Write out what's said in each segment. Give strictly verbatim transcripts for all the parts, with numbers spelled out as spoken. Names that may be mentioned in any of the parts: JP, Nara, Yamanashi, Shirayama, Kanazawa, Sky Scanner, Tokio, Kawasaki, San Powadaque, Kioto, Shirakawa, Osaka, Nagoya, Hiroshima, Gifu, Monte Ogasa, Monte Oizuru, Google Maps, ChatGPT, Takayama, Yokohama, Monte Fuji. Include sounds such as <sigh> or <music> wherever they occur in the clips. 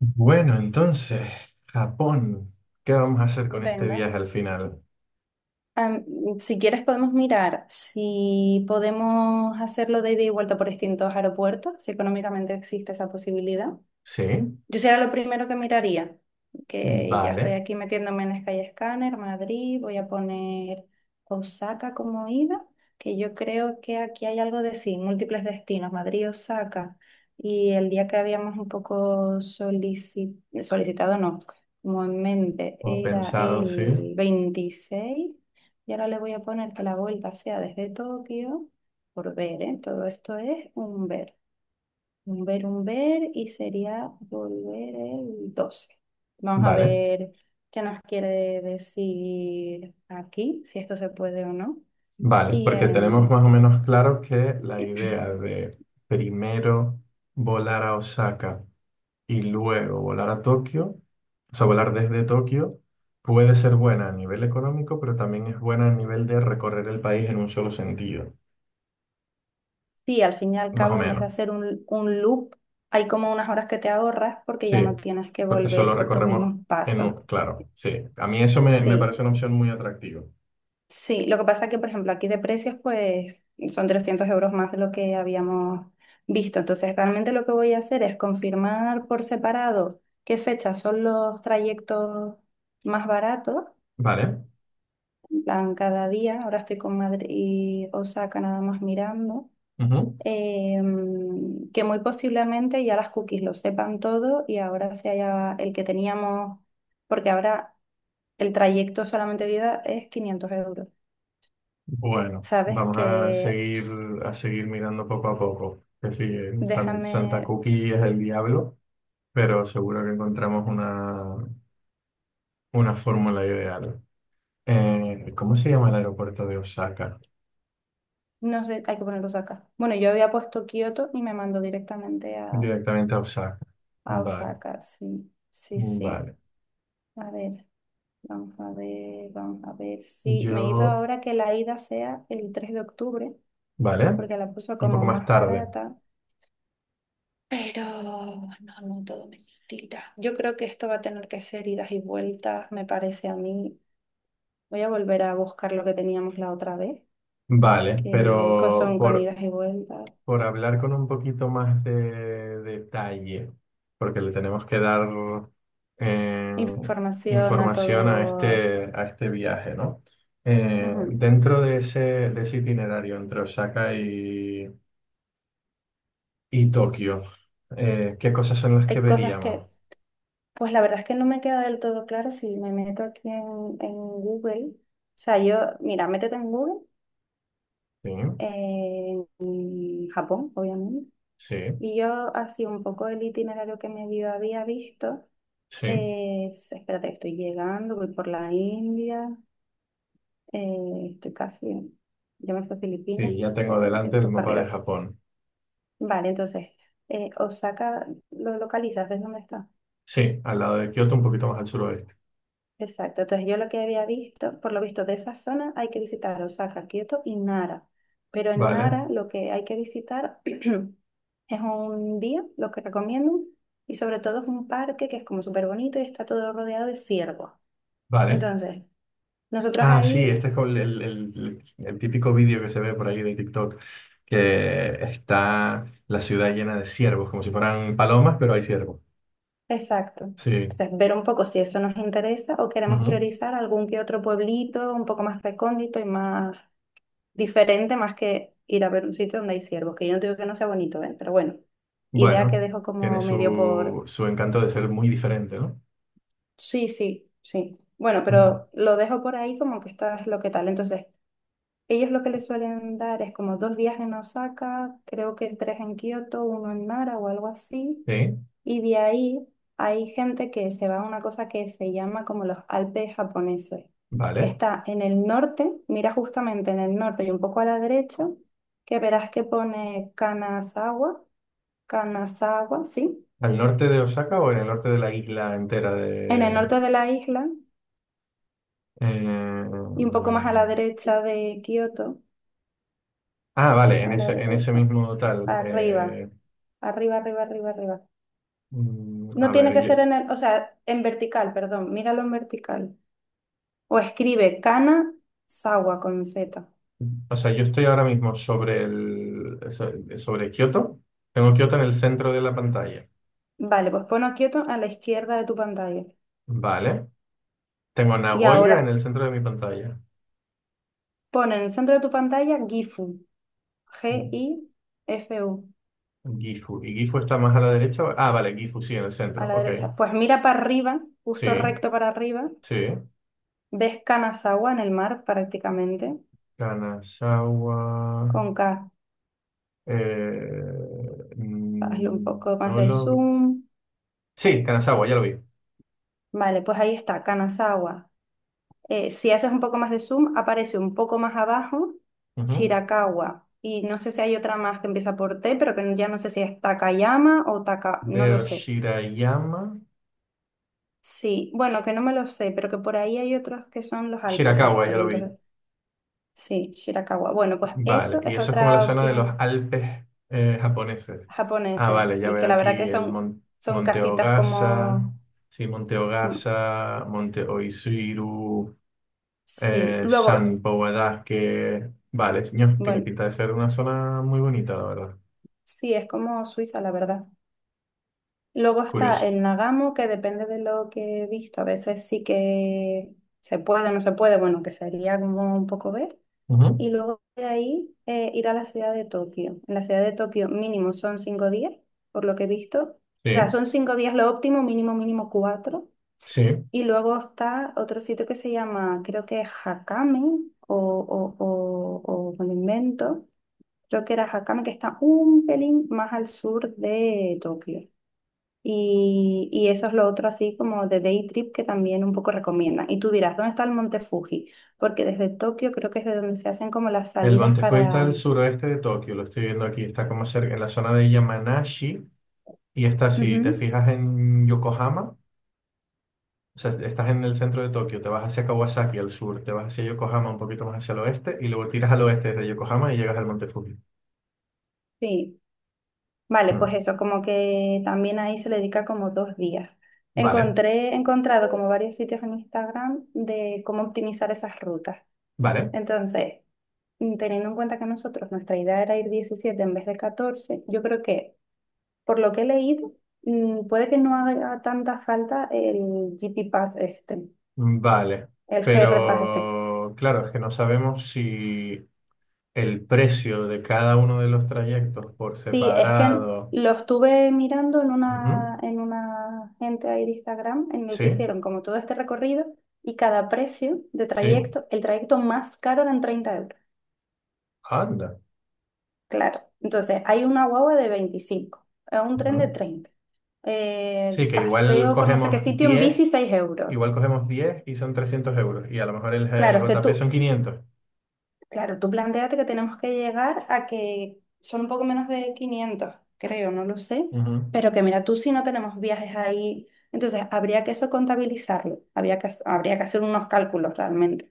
Bueno, entonces, Japón. ¿Qué vamos a hacer con este Venga. viaje al final? Am, si quieres podemos mirar si podemos hacerlo de ida y vuelta por distintos aeropuertos, si económicamente existe esa posibilidad. Sí, Yo será lo primero que miraría, que ya estoy vale. aquí metiéndome en Sky Scanner, Madrid. Voy a poner Osaka como ida, que yo creo que aquí hay algo de sí, múltiples destinos, Madrid, Osaka, y el día que habíamos un poco solici- solicitado, no, como en mente, Como era pensado, sí. el veintiséis. Y ahora le voy a poner que la vuelta sea desde Tokio, por ver, ¿eh? Todo esto es un ver. Un ver, un ver y sería volver el doce. Vamos a Vale, ver qué nos quiere decir aquí, si esto se puede o no. vale. Y Porque tenemos em, más o menos claro que la idea de primero volar a Osaka y luego volar a Tokio, o sea, volar desde Tokio, puede ser buena a nivel económico, pero también es buena a nivel de recorrer el país en un solo sentido, sí, al fin y al más o cabo, en vez de menos. hacer un, un loop, hay como unas horas que te ahorras porque ya Sí, no tienes que porque solo volver por tus recorremos mismos en pasos. un... Claro, sí. A mí eso me, me parece Sí. una opción muy atractiva. Sí, lo que pasa es que, por ejemplo, aquí de precios, pues son trescientos euros más de lo que habíamos visto. Entonces, realmente lo que voy a hacer es confirmar por separado qué fechas son los trayectos más baratos, Vale. en plan cada día. Ahora estoy con Madrid y Osaka nada más mirando. Ujú. Em, que muy posiblemente ya las cookies lo sepan todo y ahora se haya el que teníamos, porque ahora el trayecto solamente de ida es quinientos euros. Bueno, Sabes vamos a que seguir, a seguir mirando poco a poco. Que sí, eh, San- Santa Déjame, Cookie es el diablo, pero seguro que encontramos una, una fórmula ideal. Eh, ¿cómo se llama el aeropuerto de Osaka? no sé, hay que poner Osaka. Bueno, yo había puesto Kioto y me mandó directamente a, Directamente a Osaka. a Vale, Osaka. Sí, sí, sí. vale. A ver, vamos a ver, vamos a ver. Sí, me he ido Yo, ahora que la ida sea el tres de octubre, vale, porque la puso un como poco más más tarde. barata. Pero no, no, todo mentira. Yo creo que esto va a tener que ser idas y vueltas, me parece a mí. Voy a volver a buscar lo que teníamos la otra vez, Vale, que co- pero son con por idas y vueltas. por hablar con un poquito más de detalle, porque le tenemos que dar eh, Información, a información a todo. este, a este viaje, ¿no? Eh, Ujú. Dentro de ese, de ese itinerario entre Osaka y, y Tokio, eh, ¿qué cosas son las que Hay cosas que, veríamos? pues la verdad es que no me queda del todo claro si me meto aquí en, en Google. O sea, yo, mira, métete en Google, Sí, eh, en Japón, obviamente. sí, Y yo así un poco el itinerario que medio había visto, sí, eh, es, espérate, estoy llegando, voy por la India, eh, estoy casi, yo me fui a Filipinas, sí, ya pero tengo estoy- delante el esto es para mapa de arriba. Japón. Vale, entonces, eh, Osaka, ¿lo localizas? ¿Ves dónde está? Sí, al lado de Kioto, un poquito más al suroeste. Exacto, entonces yo lo que había visto, por lo visto de esa zona hay que visitar Osaka, Kioto y Nara, pero en Vale, Nara lo que hay que visitar <clears throat> es un día, lo que recomiendo, y sobre todo es un parque que es como súper bonito y está todo rodeado de ciervos. vale. Entonces, nosotros Ah, sí, ahí, este es como el, el- el- el típico vídeo que se ve por ahí de TikTok, que está la ciudad llena de ciervos, como si fueran palomas, pero hay ciervos. exacto, Sí. entonces ver un poco si eso nos interesa o queremos Ujú. priorizar algún que otro pueblito un poco más recóndito y más diferente, más que ir a ver un sitio donde hay ciervos, que yo no digo que no sea bonito, ¿eh? Pero bueno, idea que Bueno, dejo tiene como medio su, por. su encanto de ser muy diferente, ¿no? Sí, sí, sí. Bueno, Ujú. pero lo dejo por ahí como que esta es lo que tal. Entonces, ellos lo que les suelen dar es como dos días en Osaka, creo que tres en Kioto, uno en Nara o algo así. Sí, Y de ahí hay gente que se va a una cosa que se llama como los Alpes japoneses, que vale. está en el norte. Mira, justamente en el norte y un poco a la derecha, que verás que pone Kanazawa. Kanazawa, sí, ¿Al norte de Osaka o en el norte de la isla entera en el de... norte de la isla y un poco eh, más a la derecha de Kioto, ah, vale, en a la ese, en ese derecha, mismo tal. arriba, eh, arriba, arriba, arriba, arriba. mm, No A ver, tiene que ser en el, o sea, en vertical, perdón, míralo en vertical. O escribe Kanazawa con Z. o sea, yo estoy ahora mismo sobre el, so- sobre Kioto. Tengo Kioto en el centro de la pantalla. Vale, pues pon Kyoto a la izquierda de tu pantalla. Vale. Tengo Y Nagoya en ahora el centro de mi pantalla. pon en el centro de tu pantalla Gifu, G-I-F-U, Gifu. ¿Y Gifu está más a la derecha? Ah, vale, Gifu sí, en el a centro. la Ok. derecha. Pues mira para arriba, Sí, justo recto para arriba. sí. Ves Kanazawa en el mar prácticamente, Kanazawa. con K. eh, Hazle un poco mm, más no de lo... zoom. Sí, Kanazawa, ya lo vi. Vale, pues ahí está, Kanazawa. Eh, si haces un poco más de zoom, aparece un poco más abajo Ujú. Shirakawa. Y no sé si hay otra más que empieza por T, pero que ya no sé si es Takayama o Taka, no lo Veo sé. Shirayama. Sí, bueno, que no me lo sé, pero que por ahí hay otros que son los Alpes Shirakawa, estos. ya lo vi. Entonces, sí, Shirakawa. Bueno, pues Vale, eso y es eso es como la otra zona de los opción Alpes eh, japoneses. Ah, japonesa, vale, ya sí, que veo la verdad que aquí el son, Mon- son Monte casitas Ogasa, como, sí, Monte mm, Ogasa, Monte Oizuru, sí, eh, San luego, Powadaque. Vale, señor, tiene bueno, pinta de ser una zona muy bonita, la verdad. sí, es como Suiza, la verdad. Luego está Curioso. el Nagamo, que depende de lo que he visto, a veces sí que se puede o no se puede, bueno, que sería como un poco ver. Ujú. Y luego de ahí, eh, ir a la ciudad de Tokio. En la ciudad de Tokio mínimo son cinco días, por lo que he visto. O sea, Sí, son cinco días lo óptimo, mínimo, mínimo cuatro. sí. Y luego está otro sitio que se llama, creo que es Hakame, o, o, o, o me lo invento. Creo que era Hakame, que está un pelín más al sur de Tokio. Y, y eso es lo otro así como de day trip que también un poco recomiendan. Y tú dirás, ¿dónde está el Monte Fuji? Porque desde Tokio creo que es de donde se hacen como las El salidas Monte Fuji está para. al suroeste de Tokio, lo estoy viendo aquí, está como cerca, en la zona de Yamanashi, y está, si te Ujú. fijas en Yokohama. O sea, estás en el centro de Tokio, te vas hacia Kawasaki al sur, te vas hacia Yokohama un poquito más hacia el oeste y luego tiras al oeste desde Yokohama y llegas al Monte Fuji. Sí, vale, pues Mm, eso, como que también ahí se le dedica como dos días. Vale, Encontré, he encontrado como varios sitios en Instagram de cómo optimizar esas rutas. vale, Entonces, mm, teniendo en cuenta que nosotros, nuestra idea era ir diecisiete en vez de catorce, yo creo que, por lo que he leído, mm, puede que no haga tanta falta el G P Pass este, mm, vale. el G R Pass este. Pero claro, es que no sabemos si el precio de cada uno de los trayectos por Sí, es que separado. lo estuve mirando en Ujú. una, en una gente ahí de Instagram en el Sí, que hicieron como todo este recorrido, y cada precio de sí, trayecto, el trayecto más caro eran treinta euros. anda. Claro, entonces hay una guagua de veinticinco, eh, un tren de Ujú. treinta, eh, Sí, que igual paseo por no sé qué cogemos sitio en diez, bici seis euros. igual cogemos diez y son trescientos euros y a lo mejor el, el Claro, es que J P tú, son quinientos. Claro, tú planteate que tenemos que llegar a que son un poco menos de quinientos, creo, no lo sé, pero que mira, tú si no tenemos viajes ahí, entonces habría que eso contabilizarlo, habría que, habría que hacer unos cálculos realmente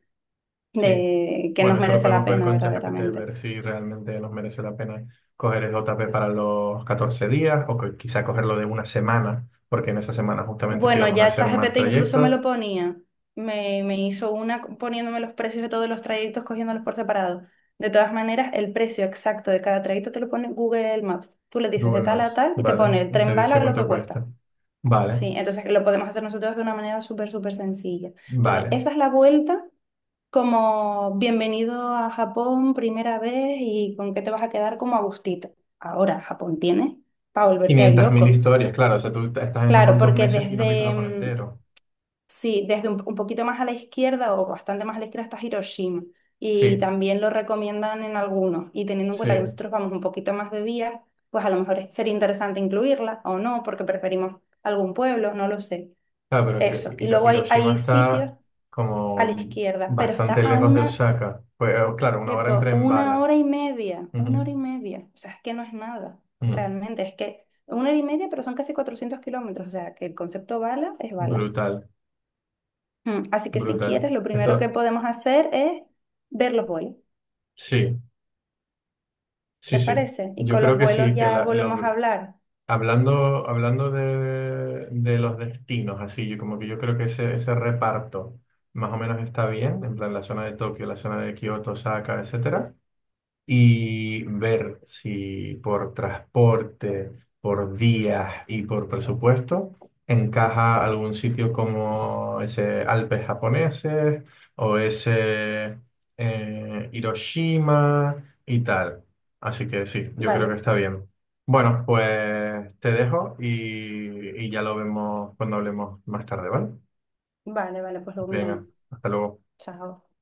Sí, de que bueno, nos eso lo merece podemos la ver pena con ChatGPT, verdaderamente. ver si realmente nos merece la pena coger el J P para los catorce días o que quizá cogerlo de una semana, porque en esa semana justamente sí Bueno, vamos a ya hacer más ChatGPT incluso me trayectos. lo ponía, me, me hizo una poniéndome los precios de todos los trayectos, cogiéndolos por separado. De todas maneras, el precio exacto de cada trayecto te lo pone Google Maps. Tú le dices de Google tal a Maps, tal y te vale, pone el te tren dice bala lo cuánto que cuesta. cuesta. Vale, Sí, entonces lo podemos hacer nosotros de una manera súper, súper sencilla. Entonces, vale. esa es la vuelta como bienvenido a Japón primera vez y con qué te vas a quedar como a gustito. Ahora, Japón tiene para volverte ahí Quinientas mil loco. historias, claro, o sea, tú estás en Claro, Japón dos porque meses y no has visto desde, Japón mm, entero. sí, desde un, un poquito más a la izquierda o bastante más a la izquierda está Hiroshima, y Sí, también lo recomiendan en algunos. Y teniendo en sí, cuenta que nosotros vamos un poquito más de día, pues a lo mejor es sería interesante incluirla o no, porque preferimos algún pueblo, no lo sé. claro, pero Hiro- Eso. Y Hiro- luego hay, Hiroshima hay sitios está a la como izquierda, pero está bastante a lejos de una, Osaka. Pues claro, una hora en tipo, tren una bala. hora y media, una Ujú. hora y media. O sea, es que no es nada, Mm, realmente. Es que una hora y media, pero son casi cuatrocientos kilómetros. O sea, que el concepto bala es bala. Brutal, Mm, Así que si quieres, brutal. lo primero que Esto, podemos hacer es ver los vuelos. sí, sí, ¿Te sí. parece? Y Yo con creo los que vuelos sí, que ya la- volvemos a lo- hablar. hablando, hablando de, de los destinos, así, yo como que yo creo que ese, ese reparto más o menos está bien, en plan la zona de Tokio, la zona de Kioto, Osaka, etcétera. Y ver si por transporte, por días y por presupuesto encaja algún sitio como ese Alpes japoneses o ese eh, Hiroshima y tal. Así que sí, yo creo que Vale, está bien. Bueno, pues te dejo y, y ya lo vemos cuando hablemos más tarde, ¿vale? vale, vale, pues lo miramos. Venga, hasta luego. Chao.